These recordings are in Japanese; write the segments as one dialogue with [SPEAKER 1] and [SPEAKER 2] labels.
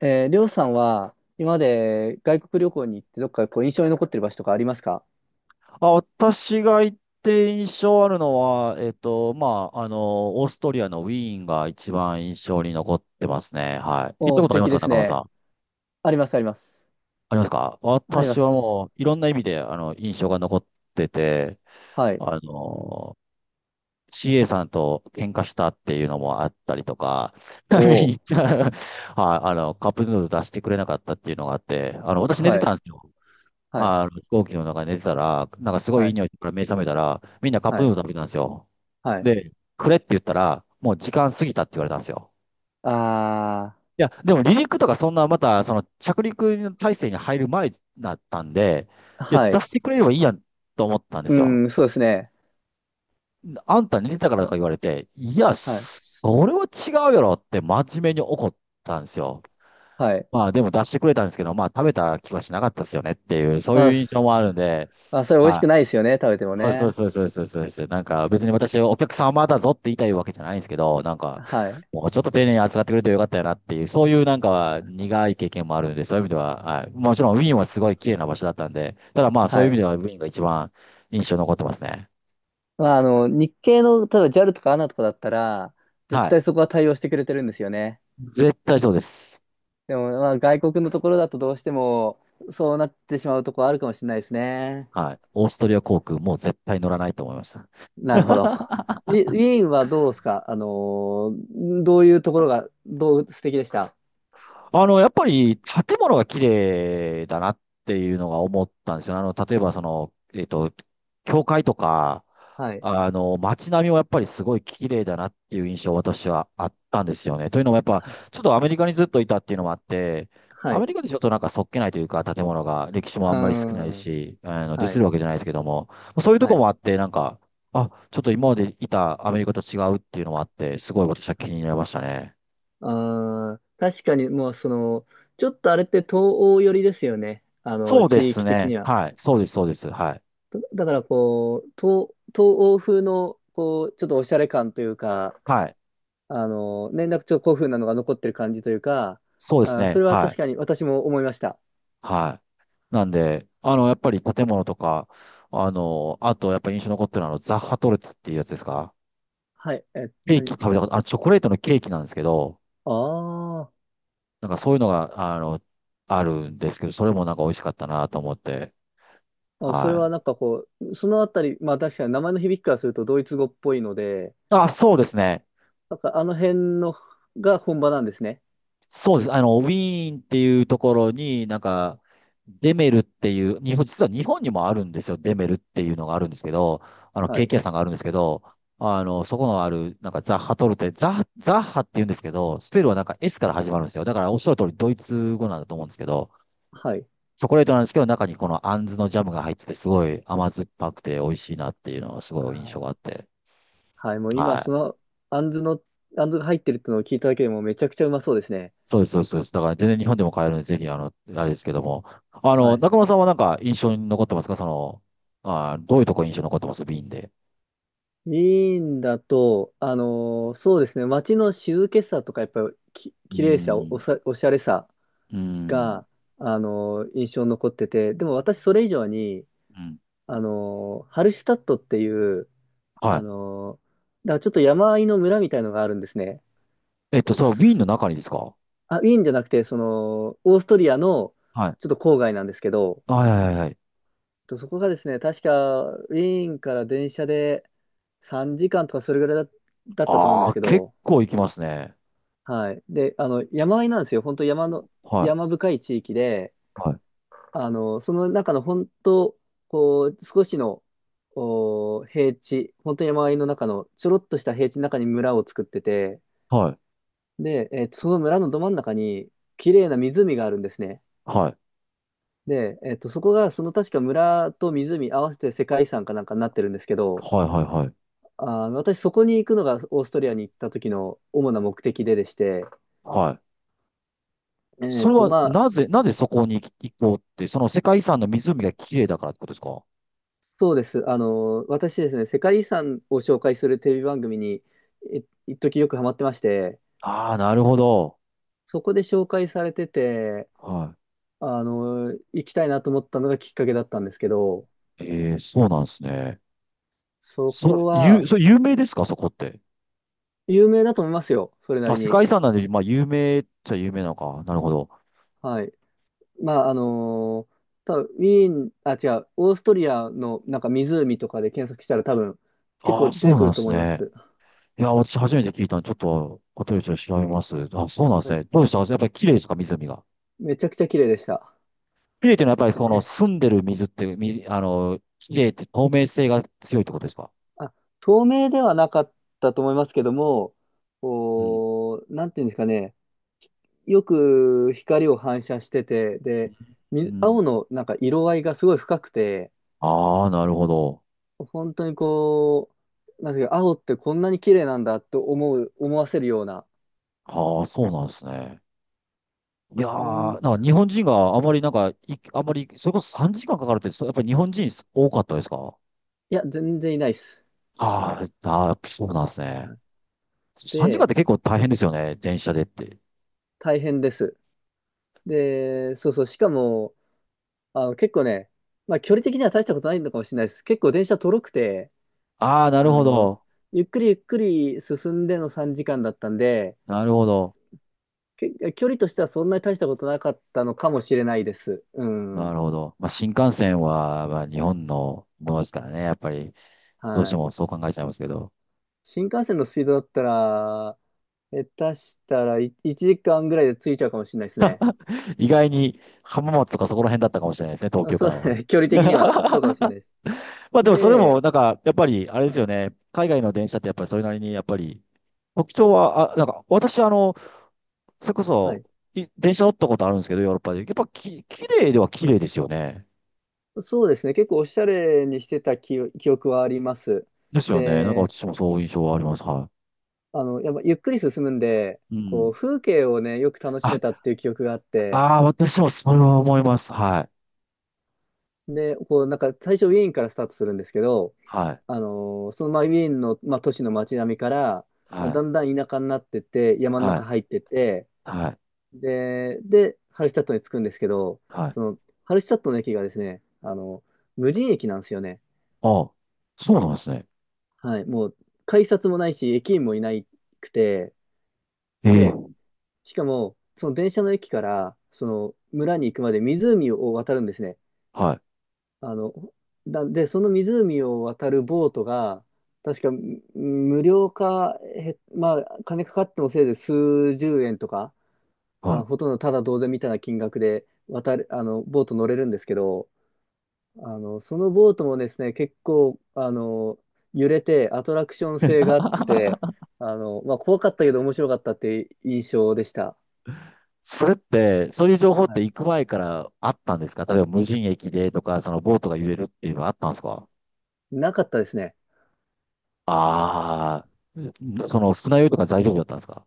[SPEAKER 1] りょうさんは今まで外国旅行に行ってどっか印象に残ってる場所とかありますか？
[SPEAKER 2] あ、私が行って印象あるのは、オーストリアのウィーンが一番印象に残ってますね。はい。行っ
[SPEAKER 1] お
[SPEAKER 2] た
[SPEAKER 1] ー、
[SPEAKER 2] こ
[SPEAKER 1] 素
[SPEAKER 2] とありま
[SPEAKER 1] 敵
[SPEAKER 2] す
[SPEAKER 1] で
[SPEAKER 2] か、
[SPEAKER 1] す
[SPEAKER 2] 中村さん？
[SPEAKER 1] ね。
[SPEAKER 2] あ
[SPEAKER 1] あります、あります。
[SPEAKER 2] りますか？
[SPEAKER 1] ありま
[SPEAKER 2] 私は
[SPEAKER 1] す。
[SPEAKER 2] もう、いろんな意味で、印象が残ってて、
[SPEAKER 1] はい。
[SPEAKER 2] あの、CA さんと喧嘩したっていうのもあったりとか、は
[SPEAKER 1] お
[SPEAKER 2] い、
[SPEAKER 1] ー、
[SPEAKER 2] カップヌードル出してくれなかったっていうのがあって、私寝て
[SPEAKER 1] は
[SPEAKER 2] た
[SPEAKER 1] い、
[SPEAKER 2] んですよ。
[SPEAKER 1] はい、
[SPEAKER 2] 飛行機の中で寝てたら、なんかすごい
[SPEAKER 1] は
[SPEAKER 2] いい
[SPEAKER 1] い、
[SPEAKER 2] 匂いから目覚めたら、みんなカップ
[SPEAKER 1] は
[SPEAKER 2] ヌー
[SPEAKER 1] い、
[SPEAKER 2] ドル食べてたんですよ。
[SPEAKER 1] はい。
[SPEAKER 2] で、くれって言ったら、もう時間過ぎたって言われたんですよ。
[SPEAKER 1] あ
[SPEAKER 2] いや、でも離陸とかそんな、また、その着陸の体制に入る前だったんで、
[SPEAKER 1] ー、
[SPEAKER 2] いや、
[SPEAKER 1] は
[SPEAKER 2] 出
[SPEAKER 1] い。
[SPEAKER 2] してくれればいいやんと思ったんで
[SPEAKER 1] う
[SPEAKER 2] すよ。
[SPEAKER 1] ーん、そうですね。
[SPEAKER 2] あんた寝てたからとか言わ
[SPEAKER 1] す
[SPEAKER 2] れて、いや、
[SPEAKER 1] はい、
[SPEAKER 2] それは違うやろって真面目に怒ったんですよ。
[SPEAKER 1] はい。
[SPEAKER 2] まあでも出してくれたんですけど、まあ食べた気はしなかったですよねっていう、そう
[SPEAKER 1] ま
[SPEAKER 2] い
[SPEAKER 1] あ、
[SPEAKER 2] う印象
[SPEAKER 1] す
[SPEAKER 2] もあるんで、
[SPEAKER 1] あ、それ美味し
[SPEAKER 2] は
[SPEAKER 1] く
[SPEAKER 2] い。
[SPEAKER 1] ないですよね、食べても
[SPEAKER 2] そうそう
[SPEAKER 1] ね。
[SPEAKER 2] そうそうそうそうそう。なんか別に私はお客様だぞって言いたいわけじゃないんですけど、なんか
[SPEAKER 1] はい、
[SPEAKER 2] もうちょっと丁寧に扱ってくれてよかったよなっていう、そういうなんか苦い経験もあるんで、そういう意味では、はい。もちろんウィーンはすごい綺麗な場所だったんで、ただまあそう
[SPEAKER 1] は
[SPEAKER 2] いう意味
[SPEAKER 1] い。
[SPEAKER 2] ではウィーンが一番印象に残ってますね。
[SPEAKER 1] まあ、日系の、例えば JAL とか ANA とかだったら、絶
[SPEAKER 2] はい。
[SPEAKER 1] 対そこは対応してくれてるんですよね。
[SPEAKER 2] 絶対そうです。
[SPEAKER 1] でも、まあ、外国のところだとどうしても、そうなってしまうところあるかもしれないですね。
[SPEAKER 2] はい。オーストリア航空もう絶対乗らないと思いました。
[SPEAKER 1] なるほど。ウィーンはどうですか？どういうところが、どう素敵でした？
[SPEAKER 2] やっぱり建物が綺麗だなっていうのが思ったんですよね。例えばその、教会とか、
[SPEAKER 1] はい。
[SPEAKER 2] 街並みもやっぱりすごい綺麗だなっていう印象私はあったんですよね。というのもやっぱ、ちょっとアメリカにずっといたっていうのもあって、
[SPEAKER 1] は
[SPEAKER 2] ア
[SPEAKER 1] い。
[SPEAKER 2] メ
[SPEAKER 1] う
[SPEAKER 2] リカでちょっとなんかそっけないというか、建物が歴史もあ
[SPEAKER 1] ー
[SPEAKER 2] んまり少ない
[SPEAKER 1] ん。
[SPEAKER 2] し、ディ
[SPEAKER 1] は
[SPEAKER 2] ス
[SPEAKER 1] い。
[SPEAKER 2] るわけじゃないですけども、そういうと
[SPEAKER 1] は
[SPEAKER 2] こ
[SPEAKER 1] い。
[SPEAKER 2] もあって、なんか、あ、ちょっと今までいたアメリカと違うっていうのもあって、すごい私は
[SPEAKER 1] は
[SPEAKER 2] 気
[SPEAKER 1] い。
[SPEAKER 2] になりましたね。
[SPEAKER 1] あー、確かにもうその、ちょっとあれって東欧寄りですよね。
[SPEAKER 2] そうで
[SPEAKER 1] 地
[SPEAKER 2] す
[SPEAKER 1] 域的
[SPEAKER 2] ね。
[SPEAKER 1] には。
[SPEAKER 2] はい。そうです、そうです。はい。
[SPEAKER 1] だからこう、東欧風の、こう、ちょっとおしゃれ感というか、
[SPEAKER 2] はい。
[SPEAKER 1] 連絡帳古風なのが残ってる感じというか、
[SPEAKER 2] そうです
[SPEAKER 1] あ、そ
[SPEAKER 2] ね。
[SPEAKER 1] れは
[SPEAKER 2] は
[SPEAKER 1] 確か
[SPEAKER 2] い。
[SPEAKER 1] に私も思いました。
[SPEAKER 2] はい。なんで、やっぱり建物とか、あと、やっぱり印象に残ってるのは、ザッハトルテっていうやつですか？
[SPEAKER 1] はい。え、
[SPEAKER 2] ケーキ
[SPEAKER 1] 何？
[SPEAKER 2] 食べたこと、チョコレートのケーキなんですけど、
[SPEAKER 1] あー？
[SPEAKER 2] なんかそういうのが、あるんですけど、それもなんか美味しかったなと思って。
[SPEAKER 1] あ、それ
[SPEAKER 2] は
[SPEAKER 1] は
[SPEAKER 2] い。
[SPEAKER 1] なんかこう、そのあたり、まあ確かに名前の響きからするとドイツ語っぽいので、
[SPEAKER 2] あ、そうですね。
[SPEAKER 1] なんかあの辺のが本場なんですね。
[SPEAKER 2] そうです。ウィーンっていうところに、なんか、デメルっていう、日本、実は日本にもあるんですよ。デメルっていうのがあるんですけど、
[SPEAKER 1] は
[SPEAKER 2] ケー
[SPEAKER 1] い。
[SPEAKER 2] キ屋さんがあるんですけど、そこのある、なんかザッハトルテ、ザッハって言うんですけど、スペルはなんか S から始まるんですよ。だからおっしゃる通りドイツ語なんだと思うんですけど、
[SPEAKER 1] はい。
[SPEAKER 2] チョコレートなんですけど、中にこのアンズのジャムが入ってて、すごい甘酸っぱくて美味しいなっていうのはす
[SPEAKER 1] あ
[SPEAKER 2] ごい印象があっ
[SPEAKER 1] ー、
[SPEAKER 2] て。
[SPEAKER 1] はい。もう今
[SPEAKER 2] は
[SPEAKER 1] そ
[SPEAKER 2] い。
[SPEAKER 1] の、あんずの、あんずが入ってるってのを聞いただけでもめちゃくちゃうまそうですね。
[SPEAKER 2] そうです、そうです、そうです。だから全然日本でも買えるんで、ぜひ、あれですけども。
[SPEAKER 1] はい。
[SPEAKER 2] 中村さんはなんか印象に残ってますか？その、あー、どういうとこ印象に残ってますウーンで。
[SPEAKER 1] ウィーンだと、そうですね、街の静けさとか、やっぱり
[SPEAKER 2] うー
[SPEAKER 1] 綺麗さ、
[SPEAKER 2] ん、
[SPEAKER 1] おしゃれさ
[SPEAKER 2] うーん、
[SPEAKER 1] が、印象に残ってて、でも私それ以上に、
[SPEAKER 2] うん。
[SPEAKER 1] ハルシュタットっていう、あ
[SPEAKER 2] は
[SPEAKER 1] の、だからちょっと山あいの村みたいのがあるんですね。
[SPEAKER 2] い。えっと、それはウィン
[SPEAKER 1] す
[SPEAKER 2] の中にですか？は
[SPEAKER 1] あ、ウィーンじゃなくて、その、オーストリアの
[SPEAKER 2] い。
[SPEAKER 1] ちょっと郊外なんですけど、
[SPEAKER 2] はいはいはい。
[SPEAKER 1] とそこがですね、確かウィーンから電車で3時間とかそれぐらいだったと思うんで
[SPEAKER 2] あ
[SPEAKER 1] す
[SPEAKER 2] あ、
[SPEAKER 1] け
[SPEAKER 2] 結
[SPEAKER 1] ど、
[SPEAKER 2] 構行きますね。
[SPEAKER 1] はい。で、山あいなんですよ。本当山の、
[SPEAKER 2] はい、
[SPEAKER 1] 山深い地域で、
[SPEAKER 2] はい、
[SPEAKER 1] その中の本当、こう、少しの、平地、本当に山あいの中の、ちょろっとした平地の中に村を作ってて、
[SPEAKER 2] はい、
[SPEAKER 1] で、その村のど真ん中に、綺麗な湖があるんですね。
[SPEAKER 2] はい、
[SPEAKER 1] で、そこが、その確か村と湖合わせて世界遺産かなんかになってるんですけど、
[SPEAKER 2] はい、はい、はい。
[SPEAKER 1] あー、私そこに行くのがオーストリアに行った時の主な目的ででして、
[SPEAKER 2] はい。
[SPEAKER 1] え
[SPEAKER 2] そ
[SPEAKER 1] っ
[SPEAKER 2] れ
[SPEAKER 1] と、
[SPEAKER 2] は
[SPEAKER 1] まあ、
[SPEAKER 2] なぜ、なぜそこに行行こうって、その世界遺産の湖が綺麗だからってことですか？
[SPEAKER 1] そうです。あの、私ですね、世界遺産を紹介するテレビ番組に、い一時よくハマってまして、
[SPEAKER 2] ああー、なるほど。
[SPEAKER 1] そこで紹介されてて、
[SPEAKER 2] は
[SPEAKER 1] 行きたいなと思ったのがきっかけだったんですけど、
[SPEAKER 2] い。ええ、そうなんですね。
[SPEAKER 1] そ
[SPEAKER 2] そ
[SPEAKER 1] こ
[SPEAKER 2] う、
[SPEAKER 1] は
[SPEAKER 2] それ有名ですか、そこって？
[SPEAKER 1] 有名だと思いますよ、それな
[SPEAKER 2] あ、
[SPEAKER 1] り
[SPEAKER 2] 世界遺
[SPEAKER 1] に。
[SPEAKER 2] 産なんで、まあ、有名っちゃ有名なのか。なるほど。
[SPEAKER 1] はい。まあ、多分ウィーン、あ、違う、オーストリアのなんか湖とかで検索したら多分結
[SPEAKER 2] あ
[SPEAKER 1] 構
[SPEAKER 2] あ、
[SPEAKER 1] 出
[SPEAKER 2] そ
[SPEAKER 1] て
[SPEAKER 2] う
[SPEAKER 1] く
[SPEAKER 2] なん
[SPEAKER 1] る
[SPEAKER 2] で
[SPEAKER 1] と
[SPEAKER 2] す
[SPEAKER 1] 思いま
[SPEAKER 2] ね。
[SPEAKER 1] す。
[SPEAKER 2] いや、私初めて聞いたんで、ちょっと、ホテ調べます。あ、そうなんで
[SPEAKER 1] は
[SPEAKER 2] す
[SPEAKER 1] い、
[SPEAKER 2] ね。どうでした？やっぱり綺麗ですか、湖が？
[SPEAKER 1] めちゃくちゃ綺麗でした。
[SPEAKER 2] 綺麗っていうのは、やっぱりこの
[SPEAKER 1] え
[SPEAKER 2] 澄んでる水って、綺麗って透明性が強いってことですか？
[SPEAKER 1] あ、透明ではなかったと思いますけども、
[SPEAKER 2] うん。
[SPEAKER 1] おー、なんていうんですかね、よく光を反射してて、で、
[SPEAKER 2] う
[SPEAKER 1] 青
[SPEAKER 2] ん。
[SPEAKER 1] のなんか色合いがすごい深くて、
[SPEAKER 2] ああ、なるほど。
[SPEAKER 1] 本当にこう、なんていうか、青ってこんなに綺麗なんだと思わせるような、
[SPEAKER 2] ああ、そうなんですね。いやー、
[SPEAKER 1] い
[SPEAKER 2] なんか日本人があまりなんか、あまり、それこそ3時間かんかかるって、そやっぱり日本人多かったですか？
[SPEAKER 1] や、全然いないです。
[SPEAKER 2] あーあー、そうなんです
[SPEAKER 1] は
[SPEAKER 2] ね。
[SPEAKER 1] い。
[SPEAKER 2] 3時間っ
[SPEAKER 1] で、
[SPEAKER 2] て結構大変ですよね。電車でって。
[SPEAKER 1] 大変です。で、そうそう、しかも、結構ね、まあ距離的には大したことないのかもしれないです。結構電車とろくて、
[SPEAKER 2] ああ、なる
[SPEAKER 1] あ
[SPEAKER 2] ほ
[SPEAKER 1] の、
[SPEAKER 2] ど。
[SPEAKER 1] ゆっくりゆっくり進んでの3時間だったんで、
[SPEAKER 2] なるほど。
[SPEAKER 1] 距離としてはそんなに大したことなかったのかもしれないです。う
[SPEAKER 2] な
[SPEAKER 1] ん。
[SPEAKER 2] るほど。まあ、新幹線は、まあ、日本のものですからね。やっぱり、どうし
[SPEAKER 1] は
[SPEAKER 2] て
[SPEAKER 1] い。
[SPEAKER 2] もそう考えちゃいますけど。
[SPEAKER 1] 新幹線のスピードだったら、下手したら1時間ぐらいで着いちゃうかもしれないですね。
[SPEAKER 2] 意外に浜松とかそこら辺だったかもしれないですね。東
[SPEAKER 1] あ
[SPEAKER 2] 京か
[SPEAKER 1] そう
[SPEAKER 2] らは。
[SPEAKER 1] だね。距離的にはそうかもしれないです。
[SPEAKER 2] まあ、でもそれも、
[SPEAKER 1] で、
[SPEAKER 2] なんか、やっぱり、あれで
[SPEAKER 1] あ、
[SPEAKER 2] すよね。海外の電車ってやっぱりそれなりに、やっぱり、特徴は、あ、なんか、私、それこ
[SPEAKER 1] は
[SPEAKER 2] そ、
[SPEAKER 1] い。
[SPEAKER 2] 電車乗ったことあるんですけど、ヨーロッパで。やっぱき、綺麗では綺麗ですよね。
[SPEAKER 1] そうですね。結構おしゃれにしてた記憶はあります。
[SPEAKER 2] ですよね。なんか
[SPEAKER 1] で、
[SPEAKER 2] 私もそういう印象はあります。は
[SPEAKER 1] やっぱゆっくり進むんで、
[SPEAKER 2] い。う
[SPEAKER 1] こ
[SPEAKER 2] ん。
[SPEAKER 1] う、風景をね、よく楽しめたっ
[SPEAKER 2] あ、
[SPEAKER 1] ていう記憶があって、
[SPEAKER 2] ああ、私もそれは思います。はい。
[SPEAKER 1] で、こう、なんか最初ウィーンからスタートするんですけど、
[SPEAKER 2] はい。
[SPEAKER 1] そのまあウィーンの、まあ、都市の街並みから、まあ、
[SPEAKER 2] はい。
[SPEAKER 1] だんだん田舎になってって、山の
[SPEAKER 2] は
[SPEAKER 1] 中
[SPEAKER 2] い。
[SPEAKER 1] 入ってって、
[SPEAKER 2] はい。
[SPEAKER 1] で、で、ハルシュタットに着くんですけど、
[SPEAKER 2] は
[SPEAKER 1] そ
[SPEAKER 2] い。
[SPEAKER 1] の、ハルシュタットの駅がですね、無人駅なんですよね。
[SPEAKER 2] ああ、そうなんですね。
[SPEAKER 1] はい、もう、改札もないし、駅員もいなくて、
[SPEAKER 2] え
[SPEAKER 1] で、
[SPEAKER 2] え。
[SPEAKER 1] しかも、その電車の駅から、その村に行くまで湖を渡るんですね。
[SPEAKER 2] はい。
[SPEAKER 1] あの、で、その湖を渡るボートが、確か無料か、へ、まあ、金かかってもせいで数十円とか、
[SPEAKER 2] は
[SPEAKER 1] あ、
[SPEAKER 2] い。
[SPEAKER 1] ほとんどただ同然みたいな金額で渡る、あの、ボート乗れるんですけど、あの、そのボートもですね、結構、揺れてアトラクション性があって、まあ、怖かったけど面白かったって印象でした。
[SPEAKER 2] それって、そういう情報っ
[SPEAKER 1] は
[SPEAKER 2] て
[SPEAKER 1] い、
[SPEAKER 2] 行く前からあったんですか？例えば無人駅でとか、そのボートが揺れるっていうのはあったんですか？
[SPEAKER 1] なかったですね。
[SPEAKER 2] ああー、その船酔い
[SPEAKER 1] う
[SPEAKER 2] と
[SPEAKER 1] ん、
[SPEAKER 2] か大丈夫だったんですか？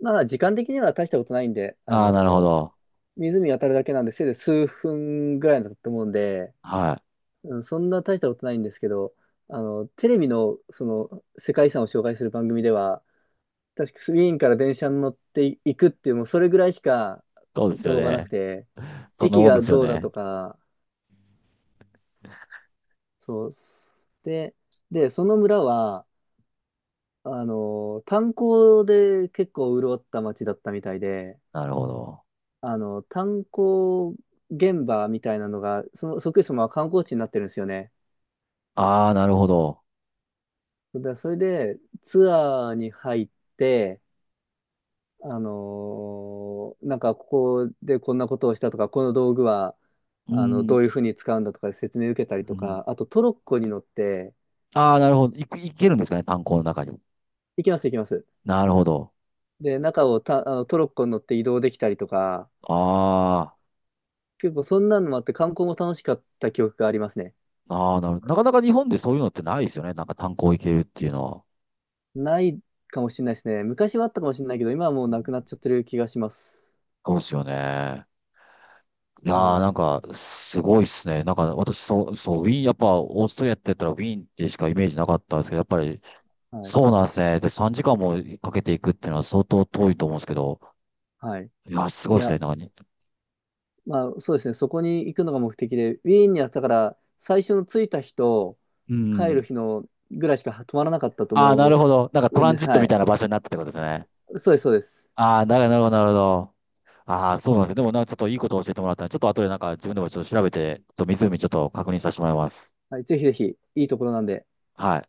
[SPEAKER 1] まあ、時間的には大したことないんで、あ
[SPEAKER 2] ああー、なるほ
[SPEAKER 1] の
[SPEAKER 2] ど。
[SPEAKER 1] 湖渡るだけなんで、せいぜい数分ぐらいだと思うんで、
[SPEAKER 2] はい。
[SPEAKER 1] うん、そんな大したことないんですけど、テレビの、その、世界遺産を紹介する番組では、確かウィーンから電車に乗っていくっていう、もうそれぐらいしか
[SPEAKER 2] そうですよ
[SPEAKER 1] 情報がなく
[SPEAKER 2] ね。
[SPEAKER 1] て、
[SPEAKER 2] そんな
[SPEAKER 1] 駅
[SPEAKER 2] もん
[SPEAKER 1] が
[SPEAKER 2] ですよ
[SPEAKER 1] どうだと
[SPEAKER 2] ね。
[SPEAKER 1] か、そう、で、で、その村は、炭鉱で結構潤った町だったみたいで、
[SPEAKER 2] なるほど。
[SPEAKER 1] 炭鉱現場みたいなのが、その、そっくりそのまま観光地になってるんですよね。
[SPEAKER 2] ああ、なるほど。
[SPEAKER 1] それでツアーに入って、なんかここでこんなことをしたとか、この道具は
[SPEAKER 2] う
[SPEAKER 1] あのど
[SPEAKER 2] ん。
[SPEAKER 1] ういうふうに使うんだとか説明受けた
[SPEAKER 2] う
[SPEAKER 1] りと
[SPEAKER 2] ん。
[SPEAKER 1] か、あとトロッコに乗って
[SPEAKER 2] ああ、なるほど。いく、いけるんですかね、炭鉱の中に？
[SPEAKER 1] 行きます行きます。
[SPEAKER 2] なるほど。
[SPEAKER 1] で、中をた、あのトロッコに乗って移動できたりとか、
[SPEAKER 2] あ
[SPEAKER 1] 結構そんなのもあって観光も楽しかった記憶がありますね。
[SPEAKER 2] あ、ああ、なかなか日本でそういうのってないですよね。なんか炭鉱行けるっていうのは。
[SPEAKER 1] ないかもしれないですね。昔はあったかもしれないけど、今はもう
[SPEAKER 2] う
[SPEAKER 1] なくなっ
[SPEAKER 2] ん。
[SPEAKER 1] ちゃってる気がします。
[SPEAKER 2] そうですよね。いやー、
[SPEAKER 1] は
[SPEAKER 2] なん
[SPEAKER 1] い。
[SPEAKER 2] か、すごいっすね。なんか、私、そう、そう、ウィーン、やっぱ、オーストリアって言ったらウィーンってしかイメージなかったんですけど、やっぱり、
[SPEAKER 1] はい。
[SPEAKER 2] そうなんですね。で、3時間もかけていくっていうのは相当遠いと思うんですけど、
[SPEAKER 1] はい。
[SPEAKER 2] いやー、す
[SPEAKER 1] い
[SPEAKER 2] ごいっすね。
[SPEAKER 1] や、
[SPEAKER 2] なんかに、
[SPEAKER 1] まあそうですね、そこに行くのが目的で、ウィーンにあったから、最初の着いた日と
[SPEAKER 2] う
[SPEAKER 1] 帰る
[SPEAKER 2] ん。
[SPEAKER 1] 日のぐらいしか泊まらなかったと
[SPEAKER 2] ああ、な
[SPEAKER 1] 思
[SPEAKER 2] るほど。なんかト
[SPEAKER 1] うん
[SPEAKER 2] ラン
[SPEAKER 1] で
[SPEAKER 2] ジッ
[SPEAKER 1] す。
[SPEAKER 2] ト
[SPEAKER 1] は
[SPEAKER 2] みたい
[SPEAKER 1] い。
[SPEAKER 2] な場所になったってことですね。
[SPEAKER 1] そうです、そうです。
[SPEAKER 2] ああ、なるほど、なるほど。ああ、そうなんだ。でもなんかちょっといいことを教えてもらったんで、ちょっと後でなんか自分でもちょっと調べて、ちょっと湖ちょっと確認させてもらいます。
[SPEAKER 1] はい、ぜひぜひ、いいところなんで。
[SPEAKER 2] はい。